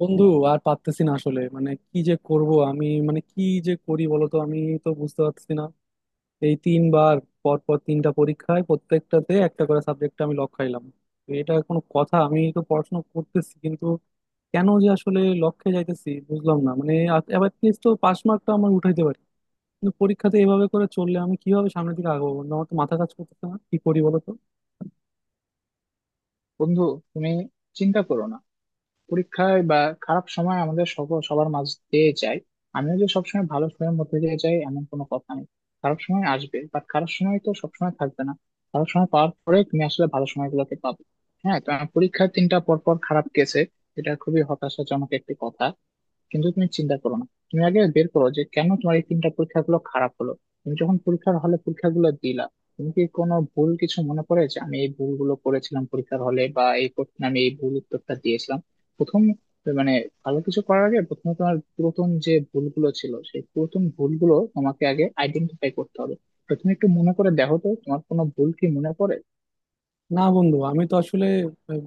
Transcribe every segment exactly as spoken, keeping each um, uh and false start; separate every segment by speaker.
Speaker 1: বন্ধু, আর পারতেছি না আসলে, মানে কি যে করব আমি, মানে কি যে করি বলতো, আমি তো বুঝতে পারছি না। এই তিনবার পর পর তিনটা পরীক্ষায় প্রত্যেকটাতে একটা করে সাবজেক্টে আমি লক খাইলাম। তো এটা কোনো কথা? আমি তো পড়াশোনা করতেছি কিন্তু কেন যে আসলে লক্ষ্যে যাইতেছি বুঝলাম না মানে। এবার লিস্ট তো পাস মার্কটা আমার উঠাইতে পারি, কিন্তু পরীক্ষাতে এভাবে করে চললে আমি কিভাবে সামনের দিকে আগাবো বন্ধু? আমার তো মাথা কাজ করতেছে না, কি করি বলো তো।
Speaker 2: বন্ধু, তুমি চিন্তা করো না। পরীক্ষায় বা খারাপ সময় আমাদের সকল সবার মাঝ দিয়ে যায়। আমিও যে সবসময় ভালো সময়ের মধ্যে দিয়ে যাই এমন কোনো কথা নেই। খারাপ সময় আসবে, বাট খারাপ সময় তো সবসময় থাকবে না। খারাপ সময় পাওয়ার পরে তুমি আসলে ভালো সময়গুলোকে পাবে। হ্যাঁ, তো আমার পরীক্ষায় তিনটা পর পর খারাপ গেছে, এটা খুবই হতাশাজনক একটি কথা। কিন্তু তুমি চিন্তা করো না, তুমি আগে বের করো যে কেন তোমার এই তিনটা পরীক্ষাগুলো খারাপ হলো। তুমি যখন পরীক্ষার হলে পরীক্ষাগুলো দিলা, তুমি কি কোনো ভুল কিছু মনে পড়ে যে আমি এই ভুলগুলো করেছিলাম পরীক্ষার হলে বা এই প্রশ্নে আমি এই ভুল উত্তরটা দিয়েছিলাম? প্রথম মানে, ভালো কিছু করার আগে প্রথমে তোমার পুরাতন যে ভুলগুলো ছিল সেই পুরাতন ভুলগুলো তোমাকে আগে আইডেন্টিফাই করতে হবে। তো তুমি একটু মনে করে দেখো তো তোমার কোনো ভুল কি মনে পড়ে?
Speaker 1: না বন্ধু, আমি তো আসলে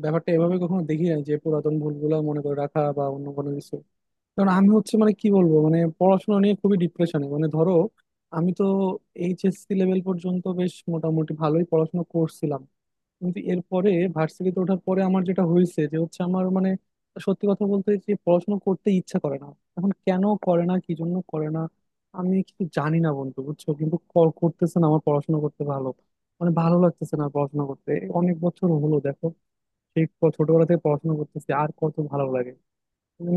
Speaker 1: ব্যাপারটা এভাবে কখনো দেখি না যে পুরাতন ভুলগুলা মনে করে রাখা বা অন্য কোনো কিছু। কারণ আমি হচ্ছে মানে কি বলবো, মানে পড়াশোনা নিয়ে খুবই ডিপ্রেশনে, মানে ধরো আমি তো এইচএসসি লেভেল পর্যন্ত বেশ মোটামুটি ভালোই পড়াশোনা করছিলাম, কিন্তু এরপরে ভার্সিটিতে ওঠার পরে আমার যেটা হয়েছে যে হচ্ছে আমার মানে সত্যি কথা বলতে যে পড়াশোনা করতে ইচ্ছা করে না। এখন কেন করে না, কি জন্য করে না, আমি কিছু জানি না বন্ধু বুঝছো, কিন্তু ক- করতেছে না, আমার পড়াশোনা করতে ভালো মানে ভালো লাগতেছে না পড়াশোনা করতে। অনেক বছর হলো দেখো, সেই ক- ছোটবেলা থেকে পড়াশোনা করতেছি, আর কত ভালো লাগে?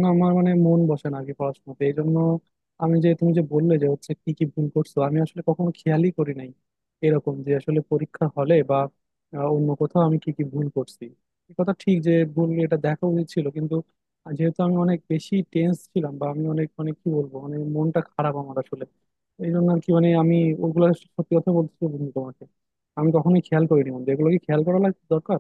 Speaker 1: না, আমার মানে মন বসে না আগে পড়াশোনাতে। এই জন্য আমি যে, তুমি যে বললে যে হচ্ছে কি কি ভুল করছো, আমি আসলে কখনো খেয়ালই করি নাই এরকম যে আসলে পরীক্ষা হলে বা আহ, অন্য কোথাও আমি কি কি ভুল করছি। এ কথা ঠিক যে ভুল এটা দেখা উচিত ছিল, কিন্তু যেহেতু আমি অনেক বেশি টেন্স ছিলাম বা আমি অনেক মানে কি বলবো, মানে মনটা খারাপ আমার আসলে, এই জন্য আর কি মানে আমি ওগুলো, সত্যি কথা বলতেছি বন্ধু তোমাকে, আমি কখনোই খেয়াল করিনি বন্ধু। এগুলো কি খেয়াল করা লাগ- দরকার?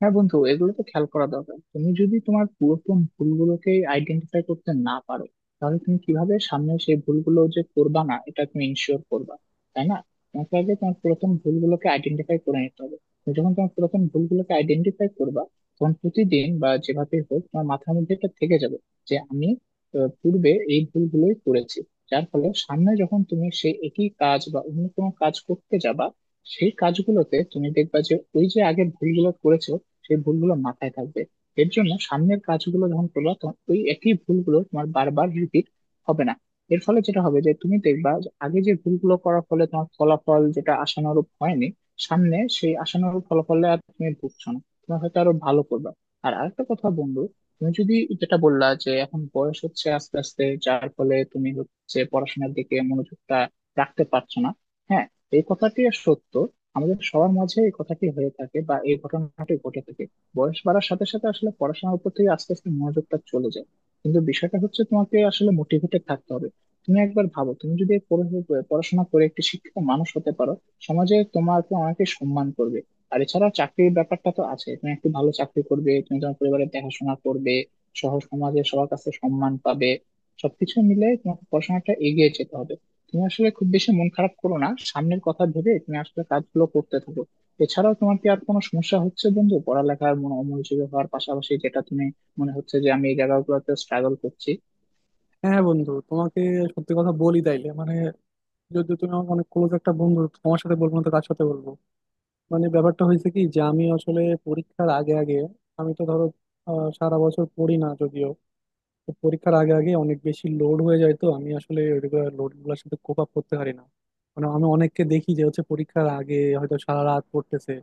Speaker 2: হ্যাঁ বন্ধু, এগুলো তো খেয়াল করা দরকার। তুমি যদি তোমার পুরাতন ভুলগুলোকে আইডেন্টিফাই করতে না পারো, তাহলে তুমি কিভাবে সামনে সেই ভুলগুলো যে করবা না এটা তুমি ইনশিওর করবা? তাই না? তোমাকে আগে তোমার পুরাতন ভুলগুলোকে আইডেন্টিফাই করে নিতে হবে। তুমি যখন তোমার পুরাতন ভুলগুলোকে আইডেন্টিফাই করবা, তখন প্রতিদিন বা যেভাবে হোক তোমার মাথার মধ্যে এটা থেকে যাবে যে আমি আহ, পূর্বে এই ভুলগুলোই করেছি। যার ফলে সামনে যখন তুমি সেই একই কাজ বা অন্য কোনো কাজ করতে যাবা, সেই কাজগুলোতে তুমি দেখবা যে ওই যে আগে ভুলগুলো করেছো সেই ভুলগুলো মাথায় থাকবে। এর জন্য সামনের কাজগুলো যখন করবে তখন ওই একই ভুলগুলো তোমার বারবার রিপিট হবে না। এর ফলে যেটা হবে যে তুমি দেখবা যে আগে যে ভুলগুলো করার ফলে তোমার ফলাফল যেটা আশানুরূপ হয়নি, সামনে সেই আশানুরূপ ফলাফলে আর তুমি ভুগছো না, তুমি হয়তো আরো ভালো করবে। আর আরেকটা কথা বন্ধু, তুমি যদি যেটা বললা যে এখন বয়স হচ্ছে আস্তে আস্তে, যার ফলে তুমি হচ্ছে পড়াশোনার দিকে মনোযোগটা রাখতে পারছো না। হ্যাঁ, এই কথাটি সত্য। আমাদের সবার মাঝে এই কথাটি হয়ে থাকে বা এই ঘটনাটি ঘটে থাকে। বয়স বাড়ার সাথে সাথে আসলে পড়াশোনার উপর থেকে আস্তে আস্তে মনোযোগটা চলে যায়। কিন্তু বিষয়টা হচ্ছে, তোমাকে আসলে মোটিভেটেড থাকতে হবে। তুমি একবার ভাবো, তুমি যদি পড়া- পড়াশোনা করে একটি শিক্ষিত মানুষ হতে পারো, সমাজে তোমাকে অনেকে সম্মান করবে। আর এছাড়া চাকরির ব্যাপারটা তো আছে, তুমি একটু ভালো চাকরি করবে, তুমি তোমার পরিবারের দেখাশোনা করবে সহ সমাজে সবার কাছে সম্মান পাবে। সবকিছু মিলে তোমাকে পড়াশোনাটা এগিয়ে যেতে হবে। তুমি আসলে খুব বেশি মন খারাপ করো না, সামনের কথা ভেবে তুমি আসলে কাজগুলো করতে থাকো। এছাড়াও তোমার কি আর কোনো সমস্যা হচ্ছে বন্ধু, পড়ালেখার মন অমনোযোগী হওয়ার পাশাপাশি, যেটা তুমি মনে হচ্ছে যে আমি এই জায়গাগুলোতে স্ট্রাগল করছি?
Speaker 1: হ্যাঁ বন্ধু, তোমাকে সত্যি কথা বলি তাইলে মানে, যদি তুমি আমার অনেক ক্লোজ একটা বন্ধু, তোমার সাথে বলবো না তো কার সাথে বলবো। মানে ব্যাপারটা হয়েছে কি যে আমি আসলে পরীক্ষার আগে আগে আমি তো ধরো আহ, সারা বছর পড়ি না যদিও, তো পরীক্ষার আগে আগে অনেক বেশি লোড হয়ে যায়, তো আমি আসলে রেগুলার লোড গুলোর সাথে কোপ আপ করতে পারি না। মানে আমি অনেককে দেখি যে হচ্ছে পরীক্ষার আগে হয়তো সারা রাত পড়তেছে।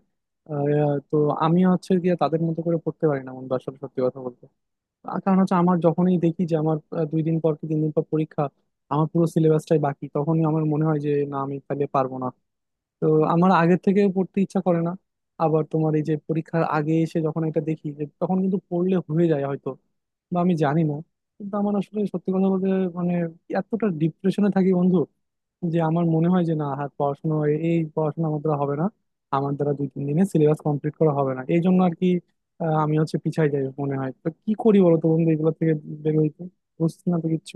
Speaker 1: আহ, তো আমি হচ্ছে গিয়ে তাদের মতো করে পড়তে পারি না বন্ধু আসলে সত্যি কথা বলতে। আর কারণ হচ্ছে আমার যখনই দেখি যে আমার আহ, দুই দিন পর কি তিন দিন পর পরীক্ষা, আমার পুরো সিলেবাসটাই বাকি, তখনই আমার মনে হয় যে না আমি তাহলে পারবো না। তো আমার আগের থেকে পড়তে ইচ্ছা করে না। আবার তোমার এই যে পরীক্ষার আগে এসে যখন এটা দেখি, যে তখন কিন্তু পড়লে হয়ে যায় হয়তো, বা আমি জানি না, কিন্তু আমার আসলে সত্যি কথা বলতে মানে এতটা ডিপ্রেশনে থাকি বন্ধু, যে আমার মনে হয় যে না আর পড়াশোনা এই এই পড়াশোনা আমার দ্বারা হবে না, আমার দ্বারা দুই তিন দিনে সিলেবাস কমপ্লিট করা হবে না, এই জন্য আর কি আহ, আমি হচ্ছে পিছাই যাই মনে হয়। তো কি করি বলো তো বন্ধু, এগুলো থেকে বের হইতে বুঝছি না তো কিচ্ছু।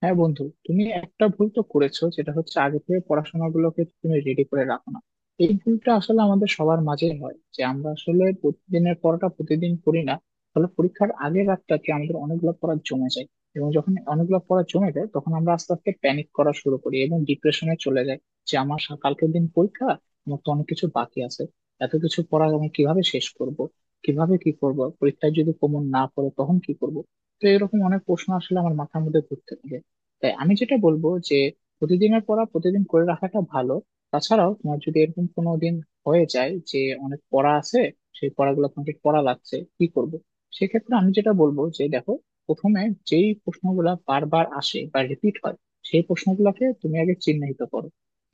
Speaker 2: হ্যাঁ বন্ধু, তুমি একটা ভুল তো করেছো, যেটা হচ্ছে আগে থেকে পড়াশোনাগুলোকে তুমি রেডি করে রাখো না। এই ভুলটা আসলে আমাদের সবার মাঝে হয় যে আমরা আসলে প্রতিদিনের পড়াটা প্রতিদিন করি না। ফলে পরীক্ষার আগের রাতটাতে আমাদের অনেকগুলো পড়া জমে যায়। এবং যখন অনেকগুলো পড়া জমে যায় তখন আমরা আস্তে আস্তে প্যানিক করা শুরু করি এবং ডিপ্রেশনে চলে যাই যে আমার সা- কালকের দিন পরীক্ষা, আমার তো অনেক কিছু বাকি আছে, এত কিছু পড়া আমি কিভাবে শেষ করব, কিভাবে কি করব, পরীক্ষায় যদি কমন না পড়ে তখন কি করব। তো এরকম অনেক প্রশ্ন আসলে আমার মাথার মধ্যে ঘুরতে থাকে। তাই আমি যেটা বলবো যে প্রতিদিনের পড়া প্রতিদিন করে রাখাটা ভালো। তাছাড়াও তোমার যদি এরকম কোনো দিন হয়ে যায় যে অনেক পড়া আছে, সেই পড়াগুলো তোমাকে পড়া লাগছে, কি করব? সেক্ষেত্রে আমি যেটা বলবো যে দেখো, প্রথমে যেই প্রশ্নগুলো বারবার আসে বা রিপিট হয় সেই প্রশ্নগুলোকে তুমি আগে চিহ্নিত করো।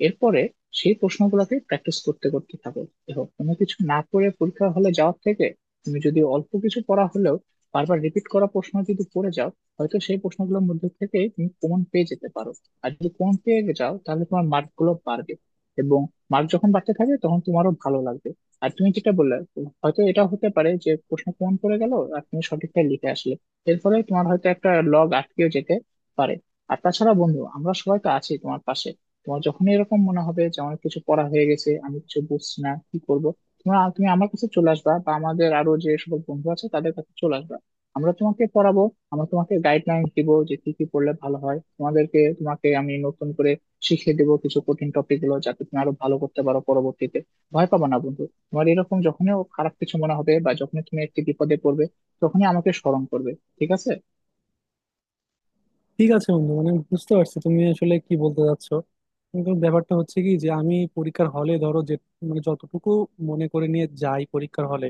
Speaker 2: এরপরে সেই প্রশ্নগুলোকে প্র্যাকটিস করতে করতে থাকো। দেখো, কোনো কিছু না পড়ে পরীক্ষা হলে যাওয়ার থেকে তুমি যদি অল্প কিছু পড়া হলেও বারবার রিপিট করা প্রশ্ন যদি পড়ে যাও, হয়তো সেই প্রশ্নগুলোর মধ্যে থেকে তুমি প্রমাণ পেয়ে যেতে পারো। আর যদি প্রমাণ পেয়ে যাও তাহলে তোমার মার্ক গুলো বাড়বে, এবং মার্ক যখন বাড়তে থাকে তখন তোমারও ভালো লাগবে। আর তুমি যেটা বললে, হয়তো এটা হতে পারে যে প্রশ্ন প্রমাণ করে গেল আর তুমি সঠিকটা লিখে আসলে, এর ফলে তোমার হয়তো একটা লগ আটকেও যেতে পারে। আর তাছাড়া বন্ধু, আমরা সবাই তো আছি তোমার পাশে। তোমার যখনই এরকম মনে হবে যে আমার কিছু পড়া হয়ে গেছে, আমি কিছু বুঝছি না কি করবো, তোমরা তুমি আমার কাছে চলে আসবা বা আমাদের আরো যে সকল বন্ধু আছে তাদের কাছে চলে আসবা। আমরা তোমাকে পড়াবো। আমি তোমাকে গাইডলাইন দিব যে কি কি পড়লে ভালো হয়, তোমাদেরকে তোমাকে আমি নতুন করে শিখিয়ে দেবো কিছু কঠিন টপিক গুলো, যাতে তুমি আরো ভালো করতে পারো পরবর্তীতে। ভয় পাবা না বন্ধু। তোমার এরকম যখনই খারাপ কিছু মনে হবে বা যখনই তুমি একটি বিপদে পড়বে তখনই আমাকে স্মরণ করবে, ঠিক আছে?
Speaker 1: ঠিক আছে বন্ধু, মানে বুঝতে পারছি তুমি আসলে কি বলতে চাচ্ছ, কিন্তু ব্যাপারটা হচ্ছে কি যে আমি পরীক্ষার হলে ধরো যে, মানে যতটুকু মনে করে নিয়ে যাই পরীক্ষার হলে,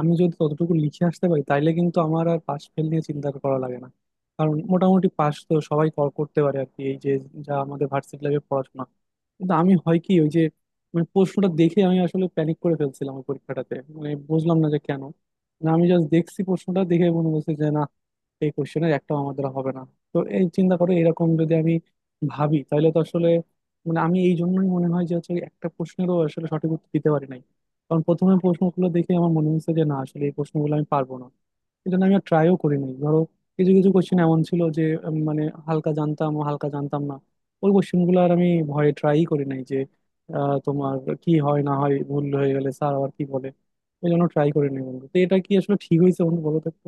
Speaker 1: আমি যদি ততটুকু লিখে আসতে পারি তাইলে কিন্তু আমার আর পাশ ফেল নিয়ে চিন্তা করা লাগে না। কারণ মোটামুটি পাশ তো সবাই কর করতে পারে আর কি এই যে যা আমাদের ভার্সিটি লাইফে পড়াশোনা। কিন্তু আমি হয় কি ওই যে মানে প্রশ্নটা দেখে আমি আসলে প্যানিক করে ফেলছিলাম ওই পরীক্ষাটাতে, মানে বুঝলাম না যে কেন। মানে আমি জাস্ট দেখছি প্রশ্নটা দেখে মনে হচ্ছে যে না, এই কোশ্চেনের একটাও আমার দ্বারা হবে না। তো এই চিন্তা করে এরকম যদি আমি ভাবি, তাহলে তো আসলে মানে আমি এই জন্যই মনে হয় যে হচ্ছে একটা প্রশ্নেরও আসলে সঠিক উত্তর দিতে পারি নাই। কারণ প্রথমে প্রশ্নগুলো দেখে আমার মনে হচ্ছে যে না আসলে এই প্রশ্নগুলো আমি পারবো না, এই জন্য আমি আর ট্রাইও করি নাই। ধরো কিছু কিছু কোশ্চেন এমন ছিল যে উম, মানে হালকা জানতাম ও হালকা জানতাম না, ওই কোশ্চেনগুলো আর আমি ভয়ে ট্রাই করি নাই যে আহ, তোমার কি হয় না হয়, ভুল হয়ে গেলে স্যার আবার কি বলে। এই জন্য ট্রাই করি নাই বন্ধু। তো এটা কি আসলে ঠিক হয়েছে বন্ধু, বলো তো একটু?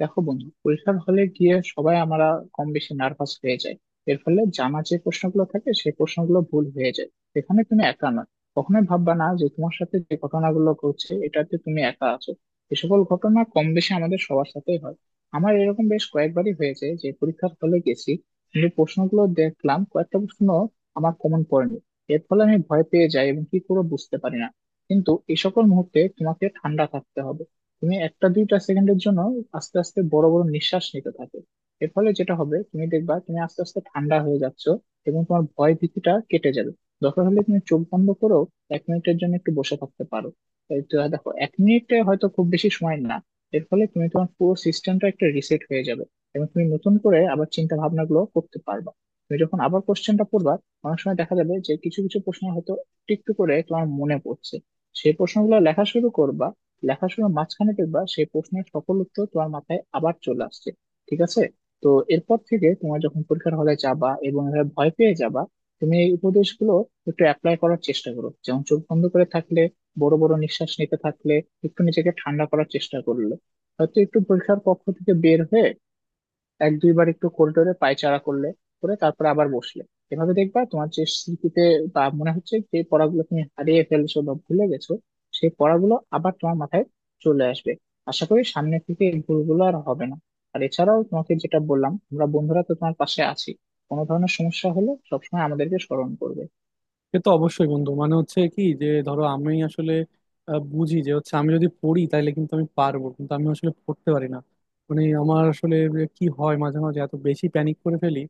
Speaker 2: দেখো বন্ধু, পরীক্ষার হলে গিয়ে সবাই আমরা কম বেশি নার্ভাস হয়ে যায়। এর ফলে জানা যে প্রশ্নগুলো থাকে সেই প্রশ্নগুলো ভুল হয়ে যায়, সেখানে তুমি একা নয়। কখনোই ভাববা না যে তোমার সাথে যে ঘটনাগুলো ঘটছে এটাতে তুমি একা আছো। এ সকল ঘটনা কম বেশি আমাদের সবার সাথেই হয়। আমার এরকম বেশ কয়েকবারই হয়েছে যে পরীক্ষার হলে গেছি কিন্তু প্রশ্নগুলো দেখলাম, কয়েকটা প্রশ্ন আমার কমন পড়েনি। এর ফলে আমি ভয় পেয়ে যাই এবং কি করে বুঝতে পারি না। কিন্তু এই সকল মুহূর্তে তোমাকে ঠান্ডা থাকতে হবে। তুমি একটা দুইটা সেকেন্ডের জন্য আস্তে আস্তে বড় বড় নিঃশ্বাস নিতে থাকো। এর ফলে যেটা হবে, তুমি দেখবা তুমি আস্তে আস্তে ঠান্ডা হয়ে যাচ্ছ এবং তোমার ভয় ভীতিটা কেটে যাবে। দরকার হলে তুমি চোখ বন্ধ করো, এক মিনিটের জন্য একটু বসে থাকতে পারো। এই তো দেখো, এক মিনিটে হয়তো খুব বেশি সময় না, এর ফলে তুমি তোমার পুরো সিস্টেমটা একটা রিসেট হয়ে যাবে এবং তুমি নতুন করে আবার চিন্তা ভাবনা গুলো করতে পারবা। তুমি যখন আবার কোশ্চেনটা পড়বা, অনেক সময় দেখা যাবে যে কিছু কিছু প্রশ্ন হয়তো একটু একটু করে তোমার মনে পড়ছে। সেই প্রশ্নগুলো লেখা শুরু করবা, লেখাশোনার মাঝখানে দেখবা সেই প্রশ্নের সকল উত্তর তোমার মাথায় আবার চলে আসছে। ঠিক আছে? তো এরপর থেকে তোমার যখন পরীক্ষার হলে যাবা এবং এভাবে ভয় পেয়ে যাবা, তুমি এই উপদেশগুলো একটু অ্যাপ্লাই করার চেষ্টা করো। যেমন চোখ বন্ধ করে থাকলে, বড় বড় নিঃশ্বাস নিতে থাকলে, একটু নিজেকে ঠান্ডা করার চেষ্টা করলে, হয়তো একটু পরীক্ষার কক্ষ থেকে বের হয়ে এক দুইবার একটু করিডোরে পায়চারা করলে করে তারপরে আবার বসলে, এভাবে দেখবা তোমার যে স্মৃতিতে বা মনে হচ্ছে যে পড়াগুলো তুমি হারিয়ে ফেলছো বা ভুলে গেছো সেই পড়াগুলো আবার তোমার মাথায় চলে আসবে। আশা করি সামনে থেকে এই ভুলগুলো আর হবে না। আর এছাড়াও তোমাকে যেটা বললাম, আমরা বন্ধুরা তো তোমার পাশে আছি। কোনো ধরনের সমস্যা হলে সবসময় আমাদেরকে স্মরণ করবে।
Speaker 1: সে তো অবশ্যই বন্ধু, মানে হচ্ছে কি যে ধরো আমি আসলে আহ, বুঝি যে হচ্ছে আমি যদি পড়ি তাহলে কিন্তু আমি পারবো, কিন্তু আমি আসলে পড়তে পারি না। মানে আমার আসলে যে কি হয়, মাঝে মাঝে এত বেশি প্যানিক করে ফেলি।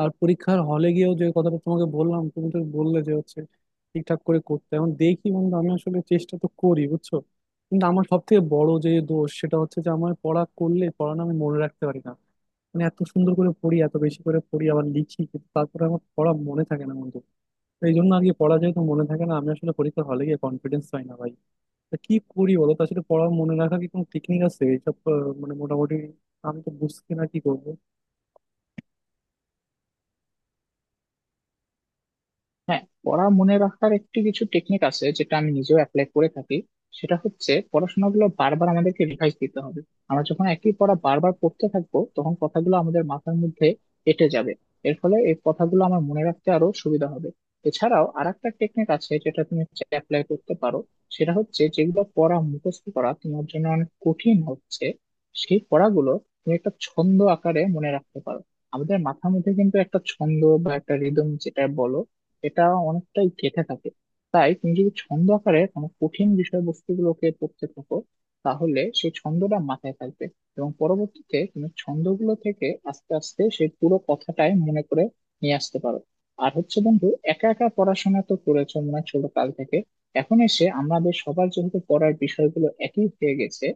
Speaker 1: আর পরীক্ষার হলে গিয়েও যে কথাটা তোমাকে বললাম, তুমি তো বললে যে হচ্ছে ঠিকঠাক করে করতে, এখন দেখি বন্ধু আমি আসলে চেষ্টা তো করি বুঝছো। কিন্তু আমার সব থেকে বড় যে দোষ সেটা হচ্ছে যে আমার পড়া করলে পড়ানো আমি মনে রাখতে পারি না। মানে এত সুন্দর করে পড়ি, এত বেশি করে পড়ি, আবার লিখি, কিন্তু তারপরে আমার পড়া মনে থাকে না বন্ধু। এই জন্য আর কি, পড়া যেহেতু মনে থাকে না আমি আসলে পরীক্ষার হলে গিয়ে কনফিডেন্স পাই না ভাই। তা কি করি বলো তো আসলে, পড়া মনে রাখা কি কোনো টেকনিক আছে এইসব? আহ, মানে মোটামুটি আমি তো বুঝছি না কি করবো।
Speaker 2: হ্যাঁ, পড়া মনে রাখার একটি কিছু টেকনিক আছে যেটা আমি নিজেও অ্যাপ্লাই করে থাকি। সেটা হচ্ছে পড়াশোনাগুলো বারবার আমাদেরকে রিভাইজ দিতে হবে। আমরা যখন একই পড়া বারবার পড়তে থাকবো তখন কথাগুলো আমাদের মাথার মধ্যে এঁটে যাবে। এর ফলে এই কথাগুলো আমার মনে রাখতে আরো সুবিধা হবে। এছাড়াও আর একটা টেকনিক আছে যেটা তুমি অ্যাপ্লাই করতে পারো। সেটা হচ্ছে, যেগুলো পড়া মুখস্থ করা তোমার জন্য অনেক কঠিন হচ্ছে সেই পড়াগুলো তুমি একটা ছন্দ আকারে মনে রাখতে পারো। আমাদের মাথার মধ্যে কিন্তু একটা ছন্দ বা একটা রিদম, যেটা বলো, এটা অনেকটাই গেঁথে থাকে। তাই তুমি যদি ছন্দ আকারে কোনো কঠিন বিষয়বস্তুগুলোকে পড়তে থাকো, তাহলে সেই ছন্দটা মাথায় থাকবে। এবং পরবর্তীতে তুমি ছন্দগুলো থেকে আস্তে আস্তে সেই পুরো কথাটাই মনে করে নিয়ে আসতে পারো। আর হচ্ছে বন্ধু, একা একা পড়াশোনা তো করেছো মনে হয় ছোট কাল থেকে। এখন এসে আমাদের সবার যেহেতু পড়ার বিষয়গুলো একই হয়ে গেছে,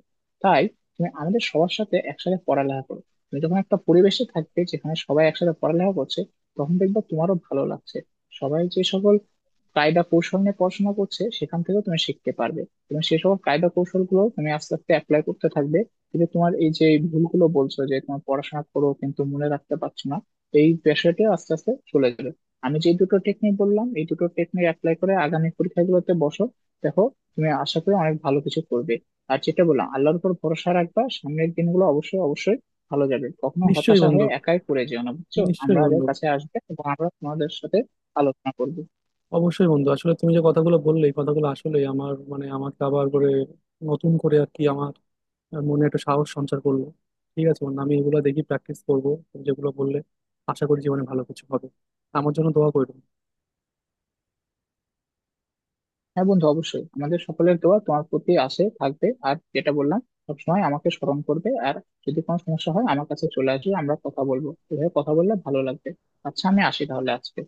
Speaker 2: তাই তুমি আমাদের সবার সাথে একসাথে পড়ালেখা করো। তুমি যখন একটা পরিবেশে থাকবে যেখানে সবাই একসাথে পড়ালেখা করছে, তখন দেখবে তোমারও ভালো লাগছে। সবাই যে সকল কায়দা কৌশল নিয়ে পড়াশোনা করছে সেখান থেকেও তুমি শিখতে পারবে। তুমি সেই সকল কায়দা কৌশল গুলো তুমি আস্তে আস্তে অ্যাপ্লাই করতে থাকবে। কিন্তু তোমার এই যে ভুলগুলো বলছো যে তোমার পড়াশোনা করো কিন্তু মনে রাখতে পারছো না, এই পেশাটা আস্তে আস্তে চলে যাবে। আমি যে দুটো টেকনিক বললাম এই দুটো টেকনিক অ্যাপ্লাই করে আগামী পরীক্ষাগুলোতে বসো। দেখো, তুমি আশা করি অনেক ভালো কিছু করবে। আর যেটা বললাম, আল্লাহর উপর ভরসা রাখবা, সামনের দিনগুলো অবশ্যই অবশ্যই ভালো যাবে। কখনো
Speaker 1: নিশ্চয়ই
Speaker 2: হতাশা
Speaker 1: বন্ধু।
Speaker 2: হয়ে একাই পড়ে যেও না, বুঝছো?
Speaker 1: নিশ্চয়ই
Speaker 2: আমাদের
Speaker 1: বন্ধু।
Speaker 2: কাছে আসবে এবং আমরা তোমাদের সাথে আলোচনা করবো।
Speaker 1: অবশ্যই বন্ধু, আসলে তুমি যে কথাগুলো বললে এই কথাগুলো আসলে আমার মানে আমাকে আবার করে, নতুন করে আর কি আমার মনে একটা সাহস সঞ্চার করলো। ঠিক আছে বন্ধু, আমি এগুলো দেখি প্র্যাকটিস করবো তুমি যেগুলো বললে। আশা করি জীবনে ভালো কিছু হবে। আমার জন্য দোয়া করো।
Speaker 2: হ্যাঁ বন্ধু, অবশ্যই আমাদের সকলের দোয়া তোমার প্রতি আসে থাকবে। আর যেটা বললাম, সবসময় আমাকে স্মরণ করবে, আর যদি কোনো সমস্যা হয় আমার কাছে চলে আসবে, আমরা কথা বলবো। এভাবে কথা বললে ভালো লাগবে। আচ্ছা, আমি আসি তাহলে আজকে।